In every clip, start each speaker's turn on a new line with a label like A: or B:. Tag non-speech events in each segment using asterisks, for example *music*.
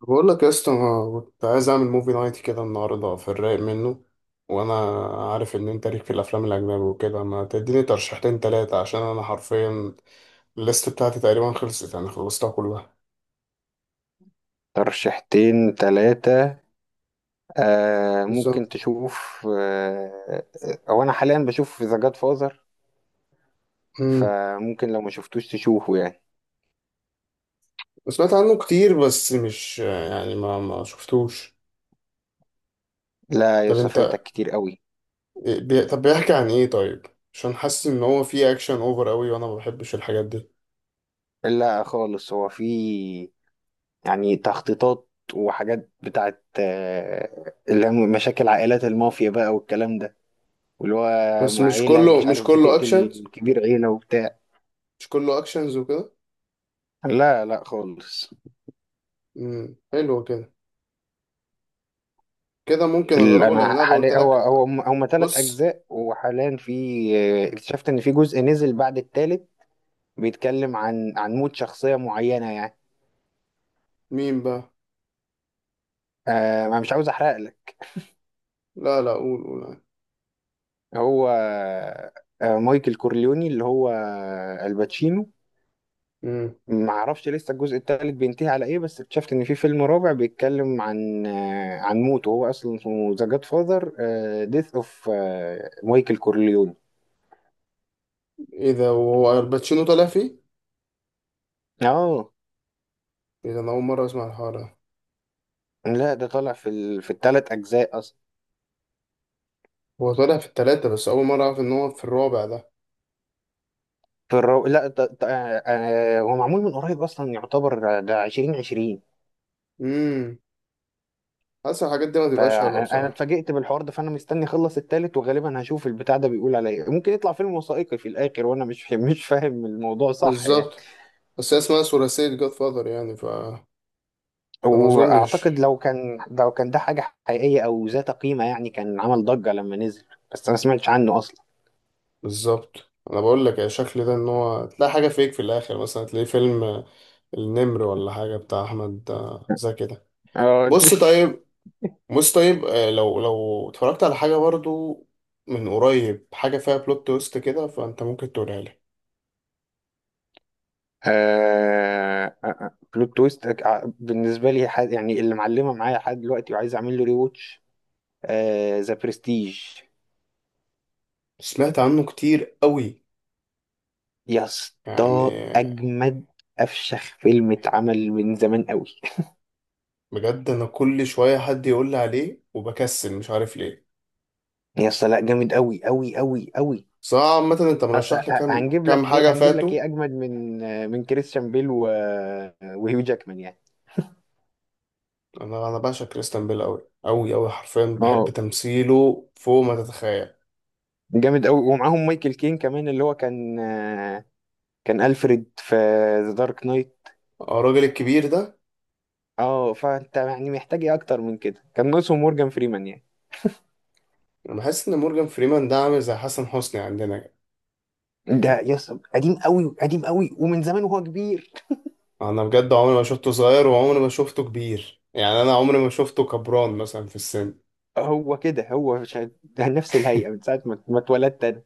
A: بقول لك يا اسطى، أنا كنت عايز اعمل موفي نايت كده النهارده في الرايق منه. وانا عارف ان انت ليك في الافلام الاجنبي وكده، ما تديني ترشيحتين تلاتة؟ عشان انا حرفيا الليست بتاعتي تقريبا خلصت، يعني خلصتها كلها.
B: ترشيحتين تلاتة؟ ممكن
A: بالظبط.
B: تشوف. هو أنا حاليا بشوف ذا جاد فازر،
A: امم
B: فممكن لو ما شفتوش تشوفه يعني.
A: سمعت عنه كتير، بس مش يعني ما شفتوش.
B: لا يا
A: طب
B: اسطى،
A: انت...
B: فايتك كتير قوي.
A: طب بيحكي عن ايه طيب؟ عشان حاسس ان هو فيه اكشن اوفر قوي وانا ما بحبش الحاجات دي.
B: لا خالص، هو في يعني تخطيطات وحاجات بتاعت اللي هي مشاكل عائلات المافيا بقى والكلام ده، واللي هو
A: بس مش
B: عيلة،
A: كله
B: مش
A: مش
B: عارف،
A: كله
B: بتقتل
A: اكشنز.
B: كبير عيلة وبتاع.
A: مش كله اكشنز وكده.
B: لا لا خالص.
A: حلو كده. كده ممكن اجربه لان
B: انا
A: انا قلت
B: حاليا، هو
A: لك.
B: هو هما ثلاث
A: بص.
B: اجزاء، وحاليا في اكتشفت ان في جزء نزل بعد الثالث، بيتكلم عن موت شخصيه معينه يعني.
A: مين بقى؟
B: انا مش عاوز احرق لك.
A: لا لا، قول قول عادي.
B: هو مايكل كورليوني اللي هو الباتشينو.
A: امم
B: ما اعرفش لسه الجزء الثالث بينتهي على ايه، بس اكتشفت ان في فيلم رابع بيتكلم عن عن موته، هو اصلا اسمه ذا جاد فاذر، ديث اوف مايكل كورليوني.
A: ايه ده، وهو الباتشينو طالع فيه؟
B: اه.
A: ايه ده، انا اول مره اسمع الحوار ده.
B: لا ده طالع في في الثلاث اجزاء اصلا.
A: هو طالع في التلاتة، بس اول مره اعرف ان هو في الرابع ده.
B: في الرو... لا ط... ط... آه، آه، هو معمول من قريب اصلا، يعتبر، ده 2020.
A: امم حاسس الحاجات دي ما تبقاش حلوه
B: فانا
A: بصراحه.
B: اتفاجئت بالحوار ده، فانا مستني اخلص التالت، وغالبا هشوف البتاع ده بيقول على ايه. ممكن يطلع فيلم وثائقي في الاخر، وانا مش *laughs* مش فاهم الموضوع صح يعني.
A: بالظبط. بس هي اسمها ثلاثيه جاد فاذر يعني، فما اظنش.
B: واعتقد لو كان ده حاجه حقيقيه او ذات قيمه يعني، كان عمل ضجه لما نزل، بس انا ما سمعتش عنه اصلا.
A: بالظبط. انا بقول لك يا شكل ده ان هو تلاقي حاجه فيك في الاخر، مثلا تلاقي فيلم النمر ولا حاجه بتاع احمد زكي ده.
B: اه
A: بص
B: *laughs*
A: طيب. بص طيب، لو اتفرجت على حاجة برضو من قريب، حاجة فيها بلوت تويست كده، فأنت ممكن تقولها لي.
B: بلوت تويست. بالنسبه لي حد يعني اللي معلمه معايا لحد دلوقتي وعايز اعمل له ري واتش، ذا برستيج.
A: سمعت عنه كتير قوي.
B: يا اسطى
A: يعني
B: اجمد افشخ فيلم اتعمل من زمان قوي.
A: بجد أنا كل شوية حد يقول لي عليه وبكسل مش عارف ليه.
B: يا اسطى لا، جامد قوي قوي قوي قوي.
A: بس أنا عامة أنت
B: اصل
A: مرشح لي كام
B: هنجيب
A: كام
B: لك ايه؟
A: حاجة
B: هنجيب لك
A: فاتوا.
B: ايه اجمد من من كريستيان بيل و... آه، وهيو جاكمان يعني؟
A: أنا بعشق كريستيان بيل قوي قوي قوي، حرفيا بحب
B: اه،
A: تمثيله فوق ما تتخيل.
B: جامد قوي. ومعاهم مايكل كين كمان، اللي هو كان كان الفريد في ذا دارك نايت.
A: آه، الراجل الكبير ده.
B: اه، فانت يعني محتاج ايه اكتر من كده؟ كان ناقصهم مورجان فريمان يعني.
A: أنا بحس إن مورجان فريمان ده عامل زي حسن حسني عندنا.
B: ده يا اسطى قديم قوي، قديم قوي ومن زمان وهو كبير.
A: انا بجد عمري ما شفته صغير وعمري ما شفته كبير، يعني انا عمري ما شفته كبران مثلا في السن.
B: هو كده هو ده نفس الهيئة من ساعة ما اتولدت أنا.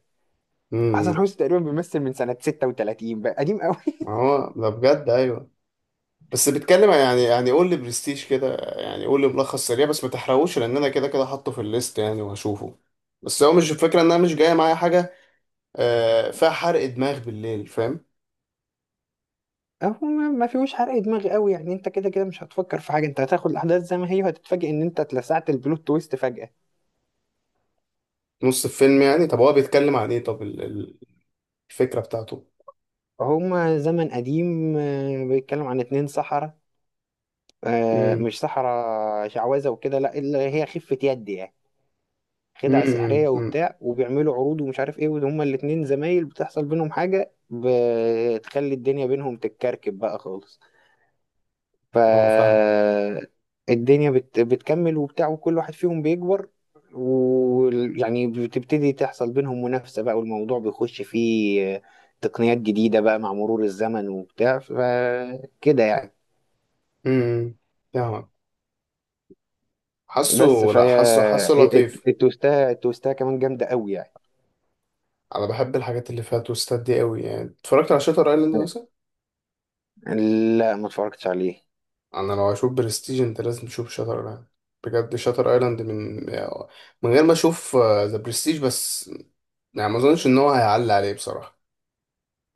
B: حسن
A: إمم.
B: حسني تقريبا بيمثل من سنة 36، بقى قديم قوي.
A: ما هو ده بجد، ايوه. بس بيتكلم عن- يعني يعني قول لي برستيج كده، يعني قول لي ملخص سريع بس ما تحرقوش، لان انا كده كده حاطه في الليست يعني وهشوفه. بس هو مش الفكره ان انا مش جايه معايا حاجه فيها حرق دماغ بالليل، فاهم؟
B: *laughs* هو ما فيهوش حرق دماغ قوي يعني. انت كده كده مش هتفكر في حاجة، انت هتاخد الأحداث زي ما هي وهتتفاجئ ان انت اتلسعت البلوت تويست فجأة.
A: نص الفيلم يعني، طب هو بيتكلم عن ايه؟ طب الفكره بتاعته؟
B: هما زمن قديم، بيتكلم عن اتنين سحرة.
A: امم
B: مش سحرة، شعوذة وكده، لا اللي هي خفة يد يعني، خدع سحرية
A: امم امم
B: وبتاع. وبيعملوا عروض ومش عارف ايه، وهما الاتنين زمايل، بتحصل بينهم حاجة بتخلي الدنيا بينهم تتكركب بقى خالص.
A: هو فاهمه.
B: فالدنيا بتكمل وبتاع، وكل واحد فيهم بيكبر ويعني بتبتدي تحصل بينهم منافسة بقى، والموضوع بيخش فيه تقنيات جديدة بقى مع مرور الزمن وبتاع، فكده يعني.
A: إمم. فاهمك. حاسه.
B: بس
A: لا
B: فهي
A: حاسه، حاسه لطيف.
B: التوستاية، التوستاية كمان جامدة قوي يعني.
A: انا بحب الحاجات اللي فيها توستات دي قوي، يعني اتفرجت على شاتر ايلاند مثلا.
B: لا، ما اتفرجتش عليه.
A: انا لو هشوف برستيج انت لازم تشوف شاتر ايلاند. بجد شاتر ايلاند من من غير ما اشوف ذا برستيج، بس يعني ما اظنش ان هو هيعلي عليه بصراحه.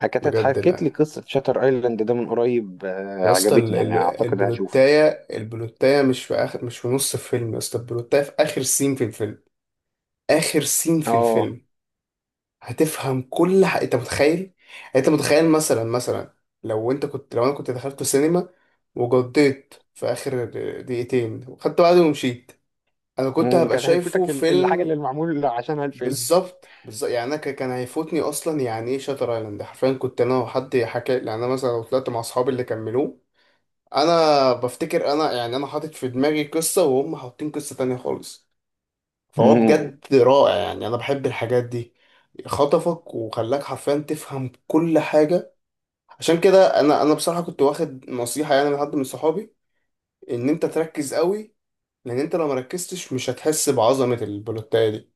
B: حكت،
A: بجد
B: اتحكت لي
A: لا.
B: قصة شاتر ايلاند ده من قريب،
A: يا اسطى
B: عجبتني يعني، اعتقد هشوفه.
A: البلوتايه، البلوتايه مش في اخر، مش في نص الفيلم يا اسطى. البلوتايه في اخر سين في الفيلم. اخر سين في
B: اه.
A: الفيلم. هتفهم كل حاجة، انت متخيل؟ انت متخيل مثلا مثلا، لو انا كنت دخلت السينما وجديت في اخر دقيقتين وخدت بعضي ومشيت، انا كنت
B: مم،
A: هبقى
B: كان
A: شايفه
B: هيفوتك الحاجة
A: فيلم.
B: اللي معمول عشانها الفيلم.
A: بالظبط بالظبط، يعني انا كان هيفوتني اصلا. يعني ايه شاتر ايلاند حرفيا، كنت انا وحد حكى، يعني انا مثلا لو طلعت مع اصحابي اللي كملوه، انا بفتكر انا، يعني انا حاطط في دماغي قصة وهم حاطين قصة تانية خالص. فهو
B: مم.
A: بجد رائع، يعني انا بحب الحاجات دي. خطفك وخلاك حرفيا تفهم كل حاجة. عشان كده انا، بصراحة كنت واخد نصيحة يعني من حد من صحابي ان انت تركز قوي، لان انت لو مركزتش مش هتحس بعظمة البلوتاية دي.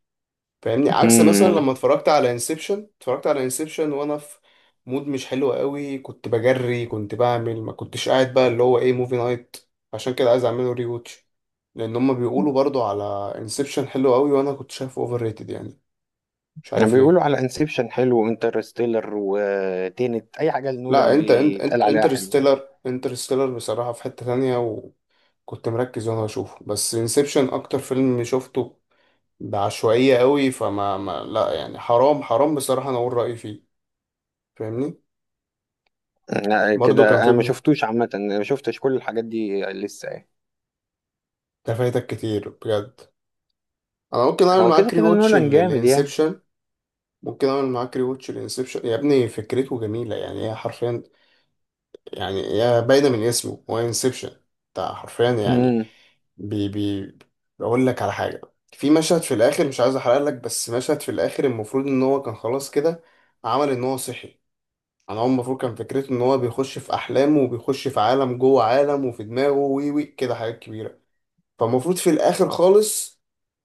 A: فاهمني؟ عكس مثلا
B: مم.
A: لما اتفرجت على انسبشن، اتفرجت على انسبشن وانا في مود مش حلو قوي، كنت بجري، كنت بعمل، ما كنتش قاعد بقى اللي هو ايه موفي نايت. عشان كده عايز اعمله ري واتش، لان هم بيقولوا برضو على انسبشن حلو قوي وانا كنت شايفه اوفر ريتد، يعني مش عارف
B: بيقولوا
A: ليه.
B: على انسبشن حلو، وانترستيلر، وتينت، اي حاجه
A: لا
B: لنولان
A: انت انت
B: بيتقال
A: انت
B: عليها حلوه.
A: انترستيلر، انترستيلر بصراحة في حتة تانية وكنت مركز وانا بشوفه. بس انسبشن اكتر فيلم شفته بعشوائية قوي، فما ما لا يعني حرام حرام بصراحة انا اقول رأيي فيه. فاهمني؟
B: لا
A: برضو كان
B: كده
A: في
B: انا ما
A: ابنه
B: شفتوش عامه، ما شفتش كل الحاجات دي لسه يعني.
A: ده، فايتك كتير بجد. انا ممكن اعمل
B: هو كده
A: معاك ري
B: كده
A: واتش
B: نولان جامد يعني.
A: لانسبشن. ممكن اعمل معاك ري واتش لانسبشن يا ابني. فكرته جميلة يعني، هي حرفيا يعني، يا باينة من اسمه، هو انسبشن بتاع حرفيا يعني.
B: امم.
A: بي بي بقول لك على حاجة. في مشهد في الآخر، مش عايز أحرق لك، بس مشهد في الآخر المفروض إن هو كان خلاص كده عمل إن هو صحي. أنا هو المفروض كان فكرته إن هو بيخش في أحلامه، وبيخش في عالم جوه عالم، وفي دماغه وي وي كده، حاجات كبيرة. فالمفروض في الآخر خالص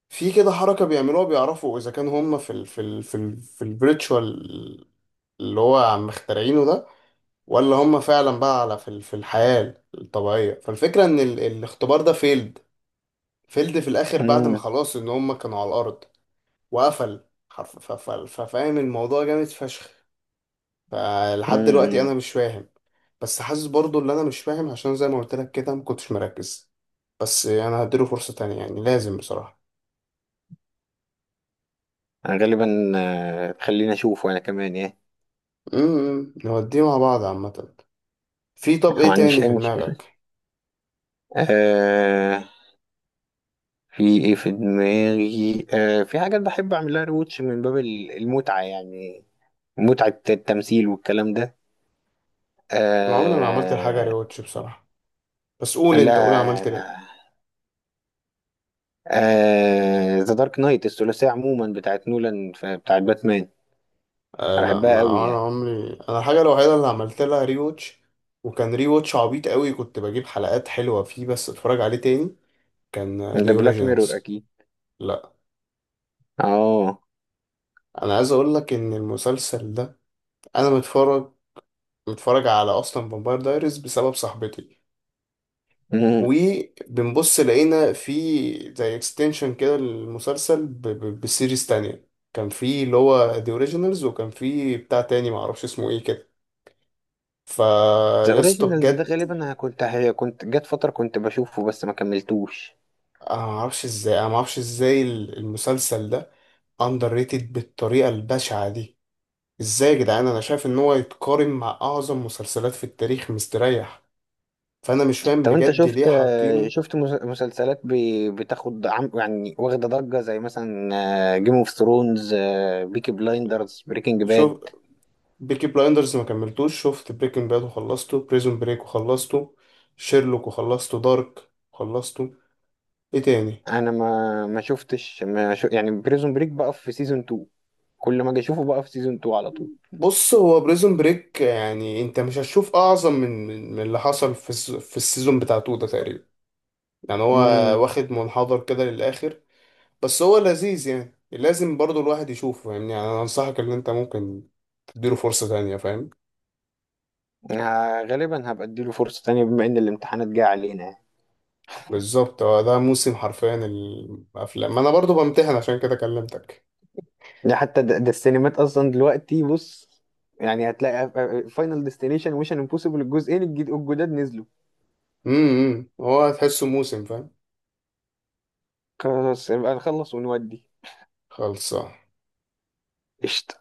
A: في كده حركة بيعملوها بيعرفوا إذا كان هما في ال في ال في ال في الفيرتشوال اللي هو عم مخترعينه ده، ولا هم فعلا بقى على في الحياة الطبيعية. فالفكرة ان الاختبار ده فيلد. فيلد في الاخر بعد ما
B: امم.
A: خلاص ان هم كانوا على الارض. وقفل حرف- ف- ف- ففاهم الموضوع جامد فشخ. فلحد دلوقتي انا
B: امم.
A: مش فاهم. بس حاسس برضو ان انا مش فاهم عشان زي ما قلت لك كده ما كنتش مركز. بس انا هديله فرصة تانية، يعني لازم بصراحة.
B: انا غالبا خليني اشوفه انا كمان يعني.
A: نوديه مع بعض عامة. في؟ طب
B: ما
A: ايه
B: عنديش
A: تاني
B: اي
A: في
B: مشكله.
A: دماغك؟
B: آه. في ايه في دماغي؟ آه في حاجات بحب اعملها ريوتش من باب المتعه يعني، متعه التمثيل والكلام ده.
A: انا عمري ما عملت الحاجة
B: آه.
A: ريوتش بصراحة. بس قول انت، قول عملت
B: لا.
A: ليه.
B: آه، ذا دارك نايت، الثلاثية عموما بتاعت نولان بتاعت باتمان،
A: آه
B: أنا
A: لا،
B: بحبها قوي
A: ما انا
B: يعني.
A: عمري، انا الحاجه الوحيده اللي عملت لها ري واتش وكان ري واتش عبيط قوي، كنت بجيب حلقات حلوه فيه بس اتفرج عليه تاني، كان
B: ده
A: ذا
B: بلاك ميرور
A: اوريجينالز.
B: أكيد.
A: لا
B: اه.
A: انا عايز اقول لك ان المسلسل ده، انا متفرج متفرج على اصلا فامباير دايريز بسبب صاحبتي، وبنبص لقينا في زي اكستنشن كده للمسلسل بسيريز تانية. كان في اللي هو ذا اوريجينالز، وكان في بتاع تاني معرفش اسمه ايه كده.
B: ذا
A: فيا اسطى
B: اوريجينالز ده
A: بجد،
B: غالبا أنا كنت، هي كنت جت فترة كنت بشوفه بس ما كملتوش.
A: انا ما اعرفش ازاي المسلسل ده اندر ريتد بالطريقه البشعه دي. ازاي يا جدعان، انا شايف ان هو يتقارن مع اعظم مسلسلات في التاريخ مستريح. فانا مش فاهم
B: طب انت
A: بجد ليه
B: شفت
A: حاطينه.
B: شفت مسلسلات بتاخد عم يعني، واخدة ضجة زي مثلا جيم اوف ثرونز، بيكي بلايندرز، بريكنج باد؟
A: شوف. بيكي بلايندرز ما كملتوش، شفت بريكنج باد وخلصته، بريزون بريك وخلصته، شيرلوك وخلصته، دارك وخلصته. ايه تاني؟
B: انا ما شفتش، ما شو يعني، بريزون بريك بقى في سيزون 2، كل ما اجي اشوفه بقى في سيزون 2 على طول.
A: بص هو بريزون بريك، يعني انت مش هتشوف اعظم من من اللي حصل في في السيزون بتاع تو ده تقريبا. يعني هو
B: امم.
A: واخد منحدر كده للآخر. بس هو لذيذ يعني، لازم برضو الواحد يشوفه يعني, أنا أنصحك إن أنت ممكن تديله فرصة تانية، فاهم؟
B: غالبا هبقى اديله فرصة تانية بما ان الامتحانات جاية علينا يعني.
A: بالظبط، هو ده موسم حرفيا الأفلام، ما أنا برضو بمتحن عشان كده كلمتك.
B: ده حتى ده السينمات اصلا دلوقتي، بص، يعني هتلاقي فاينل ديستنيشن، ويشن امبوسيبل، الجزئين الجديد الجداد نزلوا.
A: هو هتحسه موسم، فاهم؟
B: خلاص يبقى نخلص ونودي.
A: خلصان.
B: قشطة.